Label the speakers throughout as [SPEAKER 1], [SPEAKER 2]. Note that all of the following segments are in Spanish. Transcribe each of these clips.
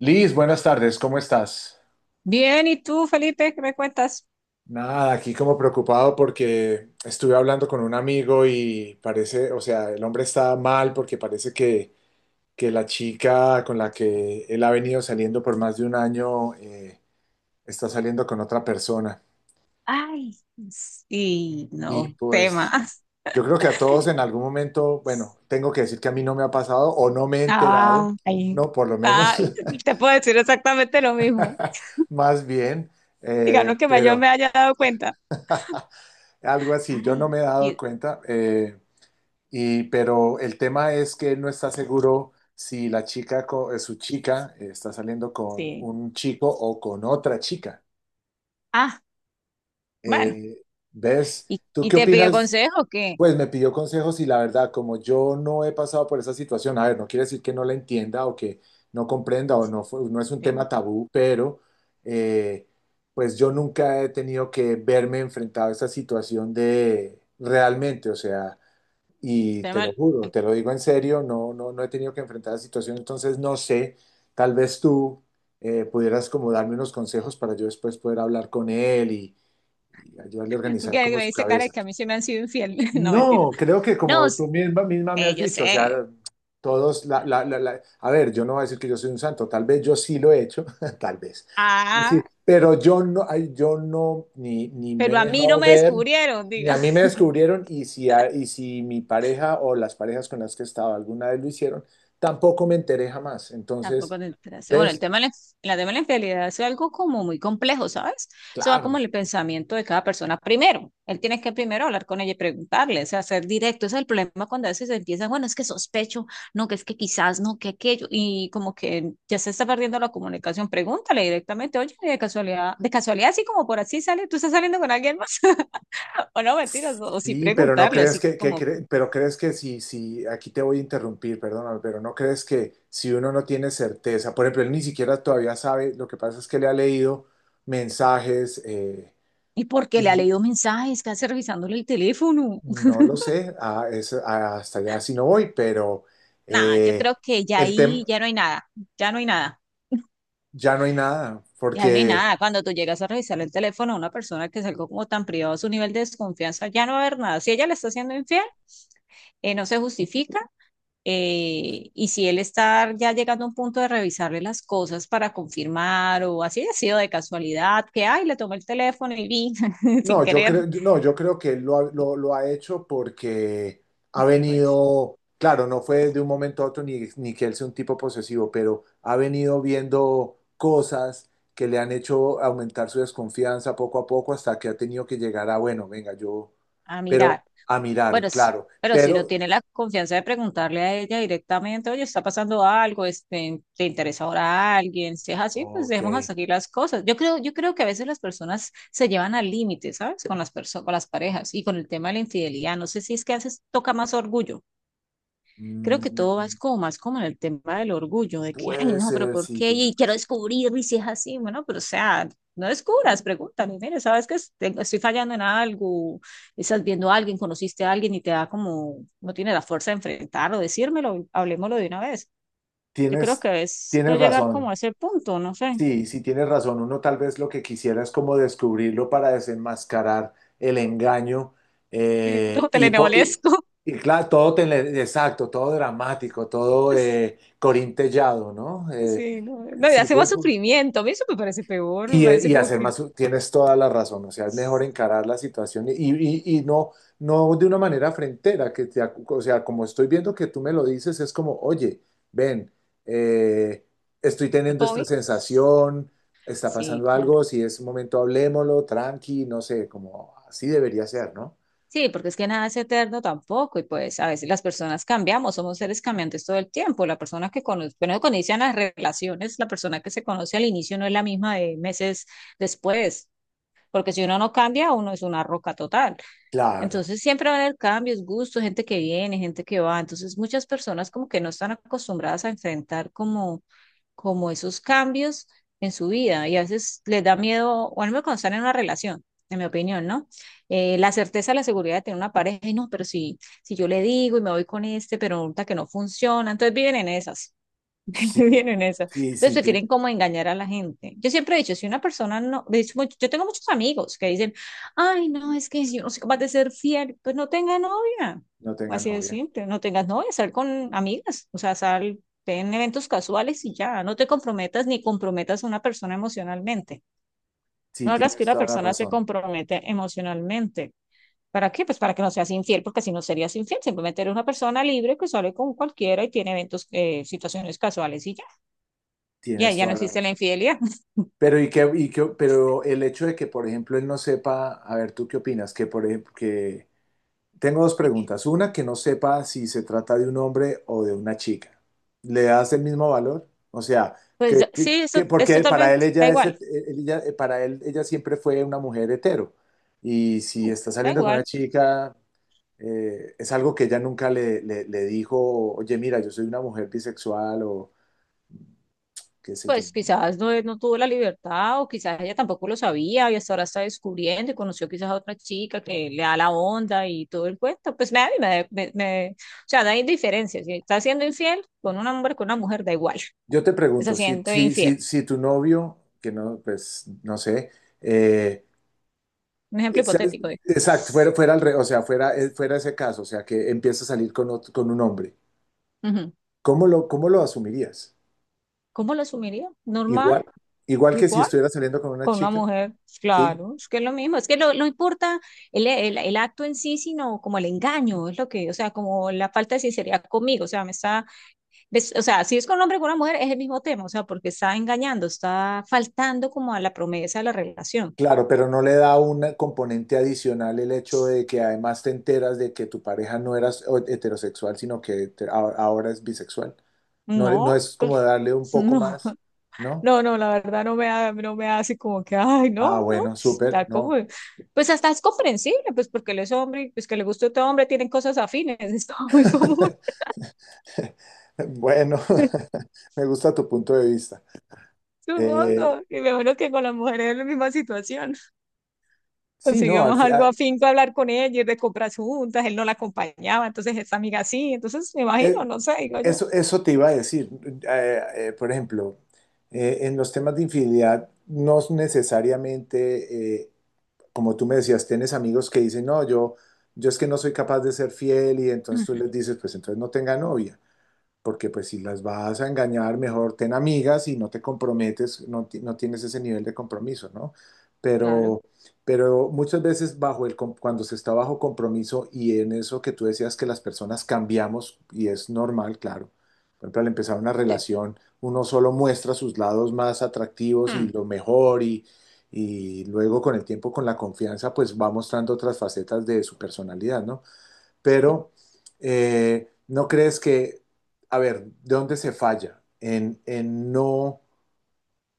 [SPEAKER 1] Liz, buenas tardes, ¿cómo estás?
[SPEAKER 2] Bien, ¿y tú, Felipe, qué me cuentas?
[SPEAKER 1] Nada, aquí como preocupado porque estuve hablando con un amigo y parece, o sea, el hombre está mal porque parece que la chica con la que él ha venido saliendo por más de un año, está saliendo con otra persona.
[SPEAKER 2] Ay, sí,
[SPEAKER 1] Y
[SPEAKER 2] no,
[SPEAKER 1] pues
[SPEAKER 2] temas.
[SPEAKER 1] yo creo que a todos en algún momento, bueno, tengo que decir que a mí no me ha pasado o no me he enterado,
[SPEAKER 2] Ah, ahí.
[SPEAKER 1] no, por lo
[SPEAKER 2] Ah,
[SPEAKER 1] menos.
[SPEAKER 2] te puedo decir exactamente lo mismo.
[SPEAKER 1] Más bien,
[SPEAKER 2] Digamos
[SPEAKER 1] eh,
[SPEAKER 2] que yo
[SPEAKER 1] pero...
[SPEAKER 2] me haya dado cuenta.
[SPEAKER 1] Algo así, yo no
[SPEAKER 2] Ay.
[SPEAKER 1] me he dado
[SPEAKER 2] Y,
[SPEAKER 1] cuenta. Pero el tema es que él no está seguro si su chica, está saliendo con
[SPEAKER 2] sí.
[SPEAKER 1] un chico o con otra chica.
[SPEAKER 2] Ah, bueno.
[SPEAKER 1] Eh, ¿Ves? ¿Tú
[SPEAKER 2] Y
[SPEAKER 1] qué
[SPEAKER 2] te pidió
[SPEAKER 1] opinas?
[SPEAKER 2] consejo o qué?
[SPEAKER 1] Pues me pidió consejos y la verdad, como yo no he pasado por esa situación, a ver, no quiere decir que no la entienda o que no comprenda o no, no es un
[SPEAKER 2] Claro,
[SPEAKER 1] tema tabú. Pero eh, pues yo nunca he tenido que verme enfrentado a esa situación de realmente, o sea. Y
[SPEAKER 2] está
[SPEAKER 1] te lo
[SPEAKER 2] mal.
[SPEAKER 1] juro, te lo digo en serio, no, no, no he tenido que enfrentar la situación. Entonces no sé, tal vez tú pudieras como darme unos consejos para yo después poder hablar con él y ayudarle a
[SPEAKER 2] Tú
[SPEAKER 1] organizar
[SPEAKER 2] que
[SPEAKER 1] como
[SPEAKER 2] me
[SPEAKER 1] su
[SPEAKER 2] dice cara
[SPEAKER 1] cabeza.
[SPEAKER 2] que a mí sí me han sido infiel. No, mentira.
[SPEAKER 1] No, creo que
[SPEAKER 2] No,
[SPEAKER 1] como tú
[SPEAKER 2] s-
[SPEAKER 1] misma me has
[SPEAKER 2] Yo
[SPEAKER 1] dicho, o sea,
[SPEAKER 2] sé.
[SPEAKER 1] todos, a ver, yo no voy a decir que yo soy un santo, tal vez yo sí lo he hecho, tal vez, sí.
[SPEAKER 2] Ah,
[SPEAKER 1] Pero yo no, ni me he
[SPEAKER 2] pero a mí no
[SPEAKER 1] dejado
[SPEAKER 2] me
[SPEAKER 1] ver,
[SPEAKER 2] descubrieron.
[SPEAKER 1] ni a mí me descubrieron. Y si, y si mi pareja o las parejas con las que he estado alguna vez lo hicieron, tampoco me enteré jamás. Entonces,
[SPEAKER 2] Tampoco te interesa. Bueno, el
[SPEAKER 1] ¿ves?
[SPEAKER 2] tema de la tema de la infidelidad es algo como muy complejo, ¿sabes? Eso va
[SPEAKER 1] Claro.
[SPEAKER 2] como en el pensamiento de cada persona. Primero, él tiene que primero hablar con ella y preguntarle, o sea, ser directo. Ese es el problema cuando a veces empieza, bueno, es que sospecho, no, que es que quizás, no, que aquello, y como que ya se está perdiendo la comunicación. Pregúntale directamente, oye, de casualidad, así como por así sale, tú estás saliendo con alguien más. O no, mentiras, o sí
[SPEAKER 1] Sí, pero no
[SPEAKER 2] preguntarle,
[SPEAKER 1] crees
[SPEAKER 2] así
[SPEAKER 1] que,
[SPEAKER 2] como,
[SPEAKER 1] pero crees que si, aquí te voy a interrumpir, perdóname, pero no crees que si uno no tiene certeza, por ejemplo, él ni siquiera todavía sabe, lo que pasa es que le ha leído mensajes,
[SPEAKER 2] ¿y por qué le ha
[SPEAKER 1] y
[SPEAKER 2] leído mensajes? ¿Qué hace revisándole el teléfono?
[SPEAKER 1] no lo sé. Hasta allá sí no voy. Pero
[SPEAKER 2] Nada, yo
[SPEAKER 1] eh,
[SPEAKER 2] creo que ya
[SPEAKER 1] el
[SPEAKER 2] ahí
[SPEAKER 1] tema,
[SPEAKER 2] ya no hay nada, ya no hay nada,
[SPEAKER 1] ya no hay nada.
[SPEAKER 2] ya ahí no hay nada. Cuando tú llegas a revisar el teléfono a una persona que es algo como tan privado, su nivel de desconfianza, ya no va a haber nada. Si ella le está siendo infiel, no se justifica. Y si él está ya llegando a un punto de revisarle las cosas para confirmar o así ha sido de casualidad, que ay, le tomó el teléfono y vi sin
[SPEAKER 1] No, yo
[SPEAKER 2] querer,
[SPEAKER 1] creo que él lo ha hecho porque ha
[SPEAKER 2] pues
[SPEAKER 1] venido, claro, no fue de un momento a otro, ni que él sea un tipo posesivo, pero ha venido viendo cosas que le han hecho aumentar su desconfianza poco a poco hasta que ha tenido que llegar a, bueno, venga, yo...
[SPEAKER 2] a
[SPEAKER 1] Pero
[SPEAKER 2] mirar.
[SPEAKER 1] a mirar,
[SPEAKER 2] Bueno, s-
[SPEAKER 1] claro.
[SPEAKER 2] pero si no
[SPEAKER 1] Pero,
[SPEAKER 2] tiene la confianza de preguntarle a ella directamente, oye, está pasando algo, este, te interesa ahora alguien, si es así, pues
[SPEAKER 1] ok,
[SPEAKER 2] dejemos hasta aquí las cosas. Yo creo que a veces las personas se llevan al límite, ¿sabes? Con con las parejas y con el tema de la infidelidad. No sé si es que a veces toca más orgullo, creo que todo va
[SPEAKER 1] mm,
[SPEAKER 2] es como más como en el tema del orgullo, de que, ay,
[SPEAKER 1] puede
[SPEAKER 2] no, pero
[SPEAKER 1] ser,
[SPEAKER 2] ¿por
[SPEAKER 1] sí,
[SPEAKER 2] qué?
[SPEAKER 1] tienes
[SPEAKER 2] Y quiero
[SPEAKER 1] razón.
[SPEAKER 2] descubrir, y si es así, bueno, pero o sea, no descubras, pregúntame, mire, sabes que estoy fallando en algo, estás viendo a alguien, conociste a alguien y te da como, no tiene la fuerza de enfrentarlo, decírmelo, hablemoslo de una vez. Yo creo
[SPEAKER 1] Tienes,
[SPEAKER 2] que es no
[SPEAKER 1] tienes
[SPEAKER 2] llegar
[SPEAKER 1] razón.
[SPEAKER 2] como a ese punto, no sé,
[SPEAKER 1] Sí, sí tienes razón. Uno tal vez lo que quisiera es como descubrirlo para desenmascarar el engaño,
[SPEAKER 2] sí,
[SPEAKER 1] eh,
[SPEAKER 2] todo
[SPEAKER 1] y, po- y-
[SPEAKER 2] telenovelesco.
[SPEAKER 1] claro, todo exacto, todo dramático, todo corintellado, ¿no?
[SPEAKER 2] Sí, no, no, y
[SPEAKER 1] Sí.
[SPEAKER 2] hace más sufrimiento, a mí eso me parece peor, me parece como
[SPEAKER 1] Hacer
[SPEAKER 2] que,
[SPEAKER 1] más, tienes toda la razón, o sea, es mejor encarar la situación, y no, no de una manera frentera, o sea, como estoy viendo que tú me lo dices, es como, oye, ven, eh, estoy
[SPEAKER 2] ¿no,
[SPEAKER 1] teniendo esta
[SPEAKER 2] Tommy?
[SPEAKER 1] sensación, está
[SPEAKER 2] Sí,
[SPEAKER 1] pasando
[SPEAKER 2] claro.
[SPEAKER 1] algo, si es momento hablémoslo, tranqui, no sé, como así debería ser, ¿no?
[SPEAKER 2] Sí, porque es que nada es eterno tampoco y pues a veces las personas cambiamos, somos seres cambiantes todo el tiempo. La persona que conoce, bueno, cuando inician las relaciones, la persona que se conoce al inicio no es la misma de meses después, porque si uno no cambia, uno es una roca total.
[SPEAKER 1] Claro,
[SPEAKER 2] Entonces siempre van a haber cambios, gustos, gente que viene, gente que va. Entonces muchas personas como que no están acostumbradas a enfrentar como, como esos cambios en su vida y a veces les da miedo, o al menos cuando están en una relación, en mi opinión, ¿no? La certeza, la seguridad de tener una pareja, y no, pero si, si yo le digo y me voy con este, pero resulta que no funciona, entonces viven en esas.
[SPEAKER 1] sí,
[SPEAKER 2] Vienen eso.
[SPEAKER 1] sí,
[SPEAKER 2] Entonces
[SPEAKER 1] sí.
[SPEAKER 2] prefieren como engañar a la gente. Yo siempre he dicho, si una persona no, de hecho, yo tengo muchos amigos que dicen, ay, no, es que yo no soy capaz de ser fiel, pues no tenga novia.
[SPEAKER 1] No tenga
[SPEAKER 2] Así de
[SPEAKER 1] novia.
[SPEAKER 2] simple, no tengas novia, sal con amigas, o sea, sal en eventos casuales y ya, no te comprometas ni comprometas a una persona emocionalmente.
[SPEAKER 1] Sí,
[SPEAKER 2] No hagas que
[SPEAKER 1] tienes
[SPEAKER 2] una
[SPEAKER 1] toda la
[SPEAKER 2] persona se
[SPEAKER 1] razón,
[SPEAKER 2] compromete emocionalmente. ¿Para qué? Pues para que no seas infiel, porque si no serías infiel, simplemente eres una persona libre que sale con cualquiera y tiene eventos, situaciones casuales y ya. Ya,
[SPEAKER 1] tienes
[SPEAKER 2] ya no
[SPEAKER 1] toda la razón.
[SPEAKER 2] existe la infidelidad.
[SPEAKER 1] Pero, pero el hecho de que, por ejemplo, él no sepa, a ver, ¿tú qué opinas? Que, por ejemplo, que tengo dos
[SPEAKER 2] Así que,
[SPEAKER 1] preguntas. Una, que no sepa si se trata de un hombre o de una chica. ¿Le das el mismo valor? O sea,
[SPEAKER 2] pues sí, eso es
[SPEAKER 1] porque para él
[SPEAKER 2] totalmente, da
[SPEAKER 1] ella es,
[SPEAKER 2] igual,
[SPEAKER 1] het- él- ella- eh, para él ella siempre fue una mujer hetero. Y si está
[SPEAKER 2] da
[SPEAKER 1] saliendo con
[SPEAKER 2] igual.
[SPEAKER 1] una chica, es algo que ella nunca le dijo, oye, mira, yo soy una mujer bisexual o qué sé yo.
[SPEAKER 2] Pues quizás no, no tuvo la libertad o quizás ella tampoco lo sabía y hasta ahora está descubriendo y conoció quizás a otra chica que le da la onda y todo el cuento. Pues a mí o sea, da indiferencia. Si está siendo infiel con un hombre, con una mujer, da igual.
[SPEAKER 1] Yo te
[SPEAKER 2] Está
[SPEAKER 1] pregunto, si,
[SPEAKER 2] siendo
[SPEAKER 1] si,
[SPEAKER 2] infiel.
[SPEAKER 1] si, si tu novio, que no, pues, no sé, eh,
[SPEAKER 2] Un ejemplo
[SPEAKER 1] ¿sabes?
[SPEAKER 2] hipotético, digo.
[SPEAKER 1] Exacto, fuera ese caso, o sea, que empieza a salir con un hombre,
[SPEAKER 2] Ujú.
[SPEAKER 1] ¿cómo lo asumirías?
[SPEAKER 2] ¿Cómo lo asumiría? Normal,
[SPEAKER 1] Igual, igual que si
[SPEAKER 2] igual.
[SPEAKER 1] estuviera saliendo con una
[SPEAKER 2] Con una
[SPEAKER 1] chica,
[SPEAKER 2] mujer,
[SPEAKER 1] ¿sí?
[SPEAKER 2] claro, es que es lo mismo, es que lo, no importa el acto en sí, sino como el engaño, es lo que, o sea, como la falta de sinceridad conmigo, o sea, me está, o sea, si es con un hombre y con una mujer es el mismo tema, o sea, porque está engañando, está faltando como a la promesa de la relación.
[SPEAKER 1] Claro, pero no le da un componente adicional el hecho de que además te enteras de que tu pareja no era heterosexual, sino que ahora es bisexual. No, no
[SPEAKER 2] No,
[SPEAKER 1] es como
[SPEAKER 2] pues,
[SPEAKER 1] darle un poco
[SPEAKER 2] no,
[SPEAKER 1] más, ¿no?
[SPEAKER 2] no, no, la verdad no me da, no me hace como que, ay, no,
[SPEAKER 1] Ah,
[SPEAKER 2] no,
[SPEAKER 1] bueno, súper,
[SPEAKER 2] da como,
[SPEAKER 1] ¿no?
[SPEAKER 2] pues hasta es comprensible, pues porque él es hombre, y pues que le gusta a otro hombre, tienen cosas afines, es como muy común.
[SPEAKER 1] Bueno. Me gusta tu punto de vista. Eh,
[SPEAKER 2] Supongo, y me imagino que con las mujeres es la misma situación.
[SPEAKER 1] sí, no,
[SPEAKER 2] Conseguimos algo afinco hablar con ellas, de compras juntas, él no la acompañaba, entonces esta amiga sí, entonces me
[SPEAKER 1] eh,
[SPEAKER 2] imagino, no sé, digo yo.
[SPEAKER 1] eso te iba a decir. Por ejemplo, en los temas de infidelidad, no es necesariamente, como tú me decías, tienes amigos que dicen, no, yo es que no soy capaz de ser fiel y entonces tú
[SPEAKER 2] Ujú,
[SPEAKER 1] les dices, pues entonces no tenga novia. Porque pues si las vas a engañar, mejor ten amigas y no te comprometes, no, no tienes ese nivel de compromiso, ¿no?
[SPEAKER 2] claro,
[SPEAKER 1] Pero, pero muchas veces bajo cuando se está bajo compromiso y en eso que tú decías que las personas cambiamos, y es normal, claro. Por ejemplo, al empezar una
[SPEAKER 2] sí.
[SPEAKER 1] relación, uno solo muestra sus lados más atractivos
[SPEAKER 2] Mm,
[SPEAKER 1] y lo mejor, y luego con el tiempo, con la confianza, pues va mostrando otras facetas de su personalidad, ¿no? Pero ¿no crees que, a ver, ¿de dónde se falla? En no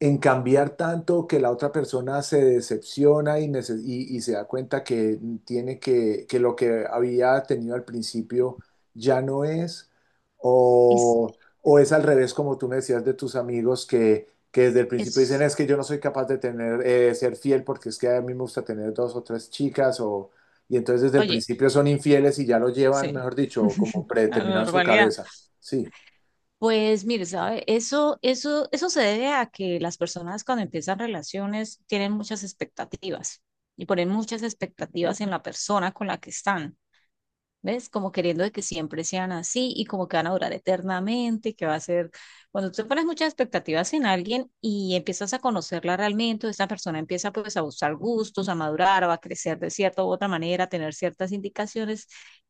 [SPEAKER 1] en cambiar tanto que la otra persona se decepciona, y se da cuenta que tiene que lo que había tenido al principio ya no es,
[SPEAKER 2] Es,
[SPEAKER 1] o, o es al revés, como tú me decías de tus amigos que desde el principio dicen,
[SPEAKER 2] es,
[SPEAKER 1] es que yo no soy capaz de tener, ser fiel porque es que a mí me gusta tener dos o tres chicas, o, y entonces desde el
[SPEAKER 2] oye,
[SPEAKER 1] principio son infieles y ya lo llevan,
[SPEAKER 2] sí.
[SPEAKER 1] mejor dicho, como
[SPEAKER 2] La
[SPEAKER 1] predeterminado en su
[SPEAKER 2] normalidad.
[SPEAKER 1] cabeza. Sí,
[SPEAKER 2] Pues mire, sabe, eso se debe a que las personas cuando empiezan relaciones tienen muchas expectativas y ponen muchas expectativas en la persona con la que están. ¿Ves? Como queriendo de que siempre sean así y como que van a durar eternamente, que va a ser, cuando tú pones muchas expectativas en alguien y empiezas a conocerla realmente, o esta persona empieza pues a buscar gustos, a madurar, o a crecer de cierta u otra manera, a tener ciertas indicaciones,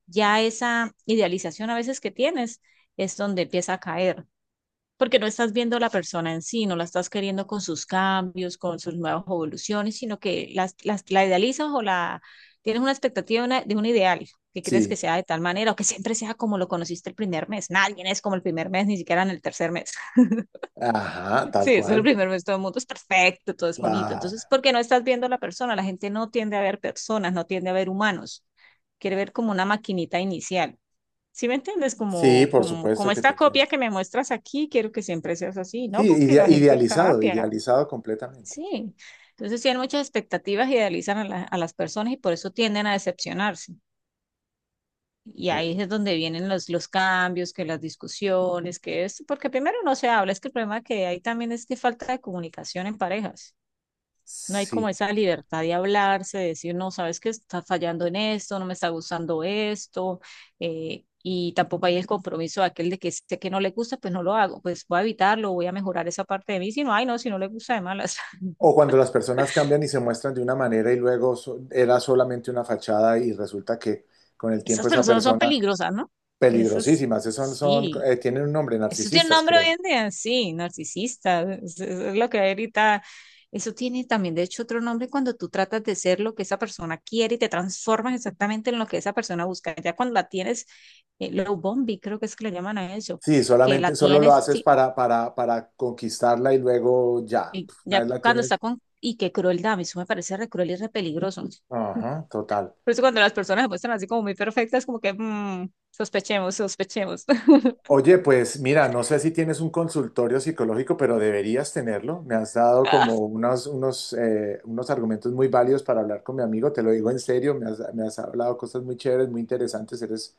[SPEAKER 2] ya esa idealización a veces que tienes es donde empieza a caer porque no estás viendo la persona en sí, no la estás queriendo con sus cambios, con sus nuevas evoluciones, sino que la idealizas o la tienes una expectativa de, de un ideal que crees que
[SPEAKER 1] sí,
[SPEAKER 2] sea de tal manera o que siempre sea como lo conociste el primer mes. Nadie es como el primer mes, ni siquiera en el tercer mes.
[SPEAKER 1] ajá, tal
[SPEAKER 2] Sí, es el
[SPEAKER 1] cual.
[SPEAKER 2] primer mes, todo el mundo es perfecto, todo es bonito. Entonces,
[SPEAKER 1] Claro.
[SPEAKER 2] porque no estás viendo a la persona, la gente no tiende a ver personas, no tiende a ver humanos, quiere ver como una maquinita inicial. ¿Sí me entiendes?
[SPEAKER 1] Sí,
[SPEAKER 2] Como,
[SPEAKER 1] por
[SPEAKER 2] como,
[SPEAKER 1] supuesto
[SPEAKER 2] como
[SPEAKER 1] que te
[SPEAKER 2] esta
[SPEAKER 1] entiendo.
[SPEAKER 2] copia que me muestras aquí, quiero que siempre seas así,
[SPEAKER 1] Sí,
[SPEAKER 2] ¿no? Porque la gente
[SPEAKER 1] idealizado,
[SPEAKER 2] cambia,
[SPEAKER 1] idealizado completamente.
[SPEAKER 2] sí. Entonces tienen muchas expectativas, idealizan a, a las personas y por eso tienden a decepcionarse. Y
[SPEAKER 1] Muy-
[SPEAKER 2] ahí es donde vienen los cambios, que las discusiones, que esto, porque primero no se habla, es que el problema que hay también es que falta de comunicación en parejas. No hay
[SPEAKER 1] Sí.
[SPEAKER 2] como esa libertad de hablarse, de decir, no, sabes que estás fallando en esto, no me está gustando esto, y tampoco hay el compromiso de aquel de que sé que no le gusta, pues no lo hago, pues voy a evitarlo, voy a mejorar esa parte de mí, si no, ay, no, si no le gusta de malas.
[SPEAKER 1] O cuando las personas cambian y se muestran de una manera y luego era solamente una fachada y resulta que con el
[SPEAKER 2] Esas
[SPEAKER 1] tiempo esa
[SPEAKER 2] personas son
[SPEAKER 1] persona
[SPEAKER 2] peligrosas, ¿no? Eso es,
[SPEAKER 1] peligrosísimas, esos son,
[SPEAKER 2] sí.
[SPEAKER 1] tienen un nombre,
[SPEAKER 2] Eso tiene
[SPEAKER 1] narcisistas,
[SPEAKER 2] nombre hoy
[SPEAKER 1] creo.
[SPEAKER 2] en día, sí, narcisista, es lo que hay ahorita. Eso tiene también, de hecho, otro nombre cuando tú tratas de ser lo que esa persona quiere y te transformas exactamente en lo que esa persona busca. Ya cuando la tienes, low bombi, creo que es que le llaman a eso,
[SPEAKER 1] Sí,
[SPEAKER 2] que la
[SPEAKER 1] solo lo
[SPEAKER 2] tienes,
[SPEAKER 1] haces
[SPEAKER 2] sí,
[SPEAKER 1] para conquistarla y luego ya,
[SPEAKER 2] y
[SPEAKER 1] una
[SPEAKER 2] ya
[SPEAKER 1] vez la
[SPEAKER 2] cuando está
[SPEAKER 1] tienes.
[SPEAKER 2] con, y qué crueldad, eso me parece re cruel y re peligroso.
[SPEAKER 1] Ajá, total.
[SPEAKER 2] Por eso cuando las personas se muestran así como muy perfectas, como que mm, sospechemos, sospechemos.
[SPEAKER 1] Oye, pues mira, no sé si tienes un consultorio psicológico, pero deberías tenerlo. Me has dado como unos argumentos muy válidos para hablar con mi amigo, te lo digo en serio, me has hablado cosas muy chéveres, muy interesantes, eres,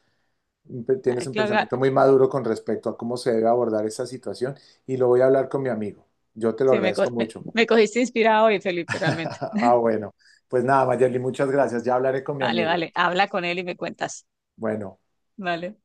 [SPEAKER 1] un pe- tienes
[SPEAKER 2] Ay,
[SPEAKER 1] un
[SPEAKER 2] Claudia,
[SPEAKER 1] pensamiento muy maduro con respecto a cómo se debe abordar esta situación y lo voy a hablar con mi amigo. Yo te lo
[SPEAKER 2] sí,
[SPEAKER 1] agradezco
[SPEAKER 2] me,
[SPEAKER 1] mucho.
[SPEAKER 2] me cogiste inspirado hoy, Felipe, realmente.
[SPEAKER 1] Ah, bueno, pues nada, Mayerly, muchas gracias, ya hablaré con mi
[SPEAKER 2] Vale,
[SPEAKER 1] amigo.
[SPEAKER 2] vale. Habla con él y me cuentas.
[SPEAKER 1] Bueno.
[SPEAKER 2] Vale.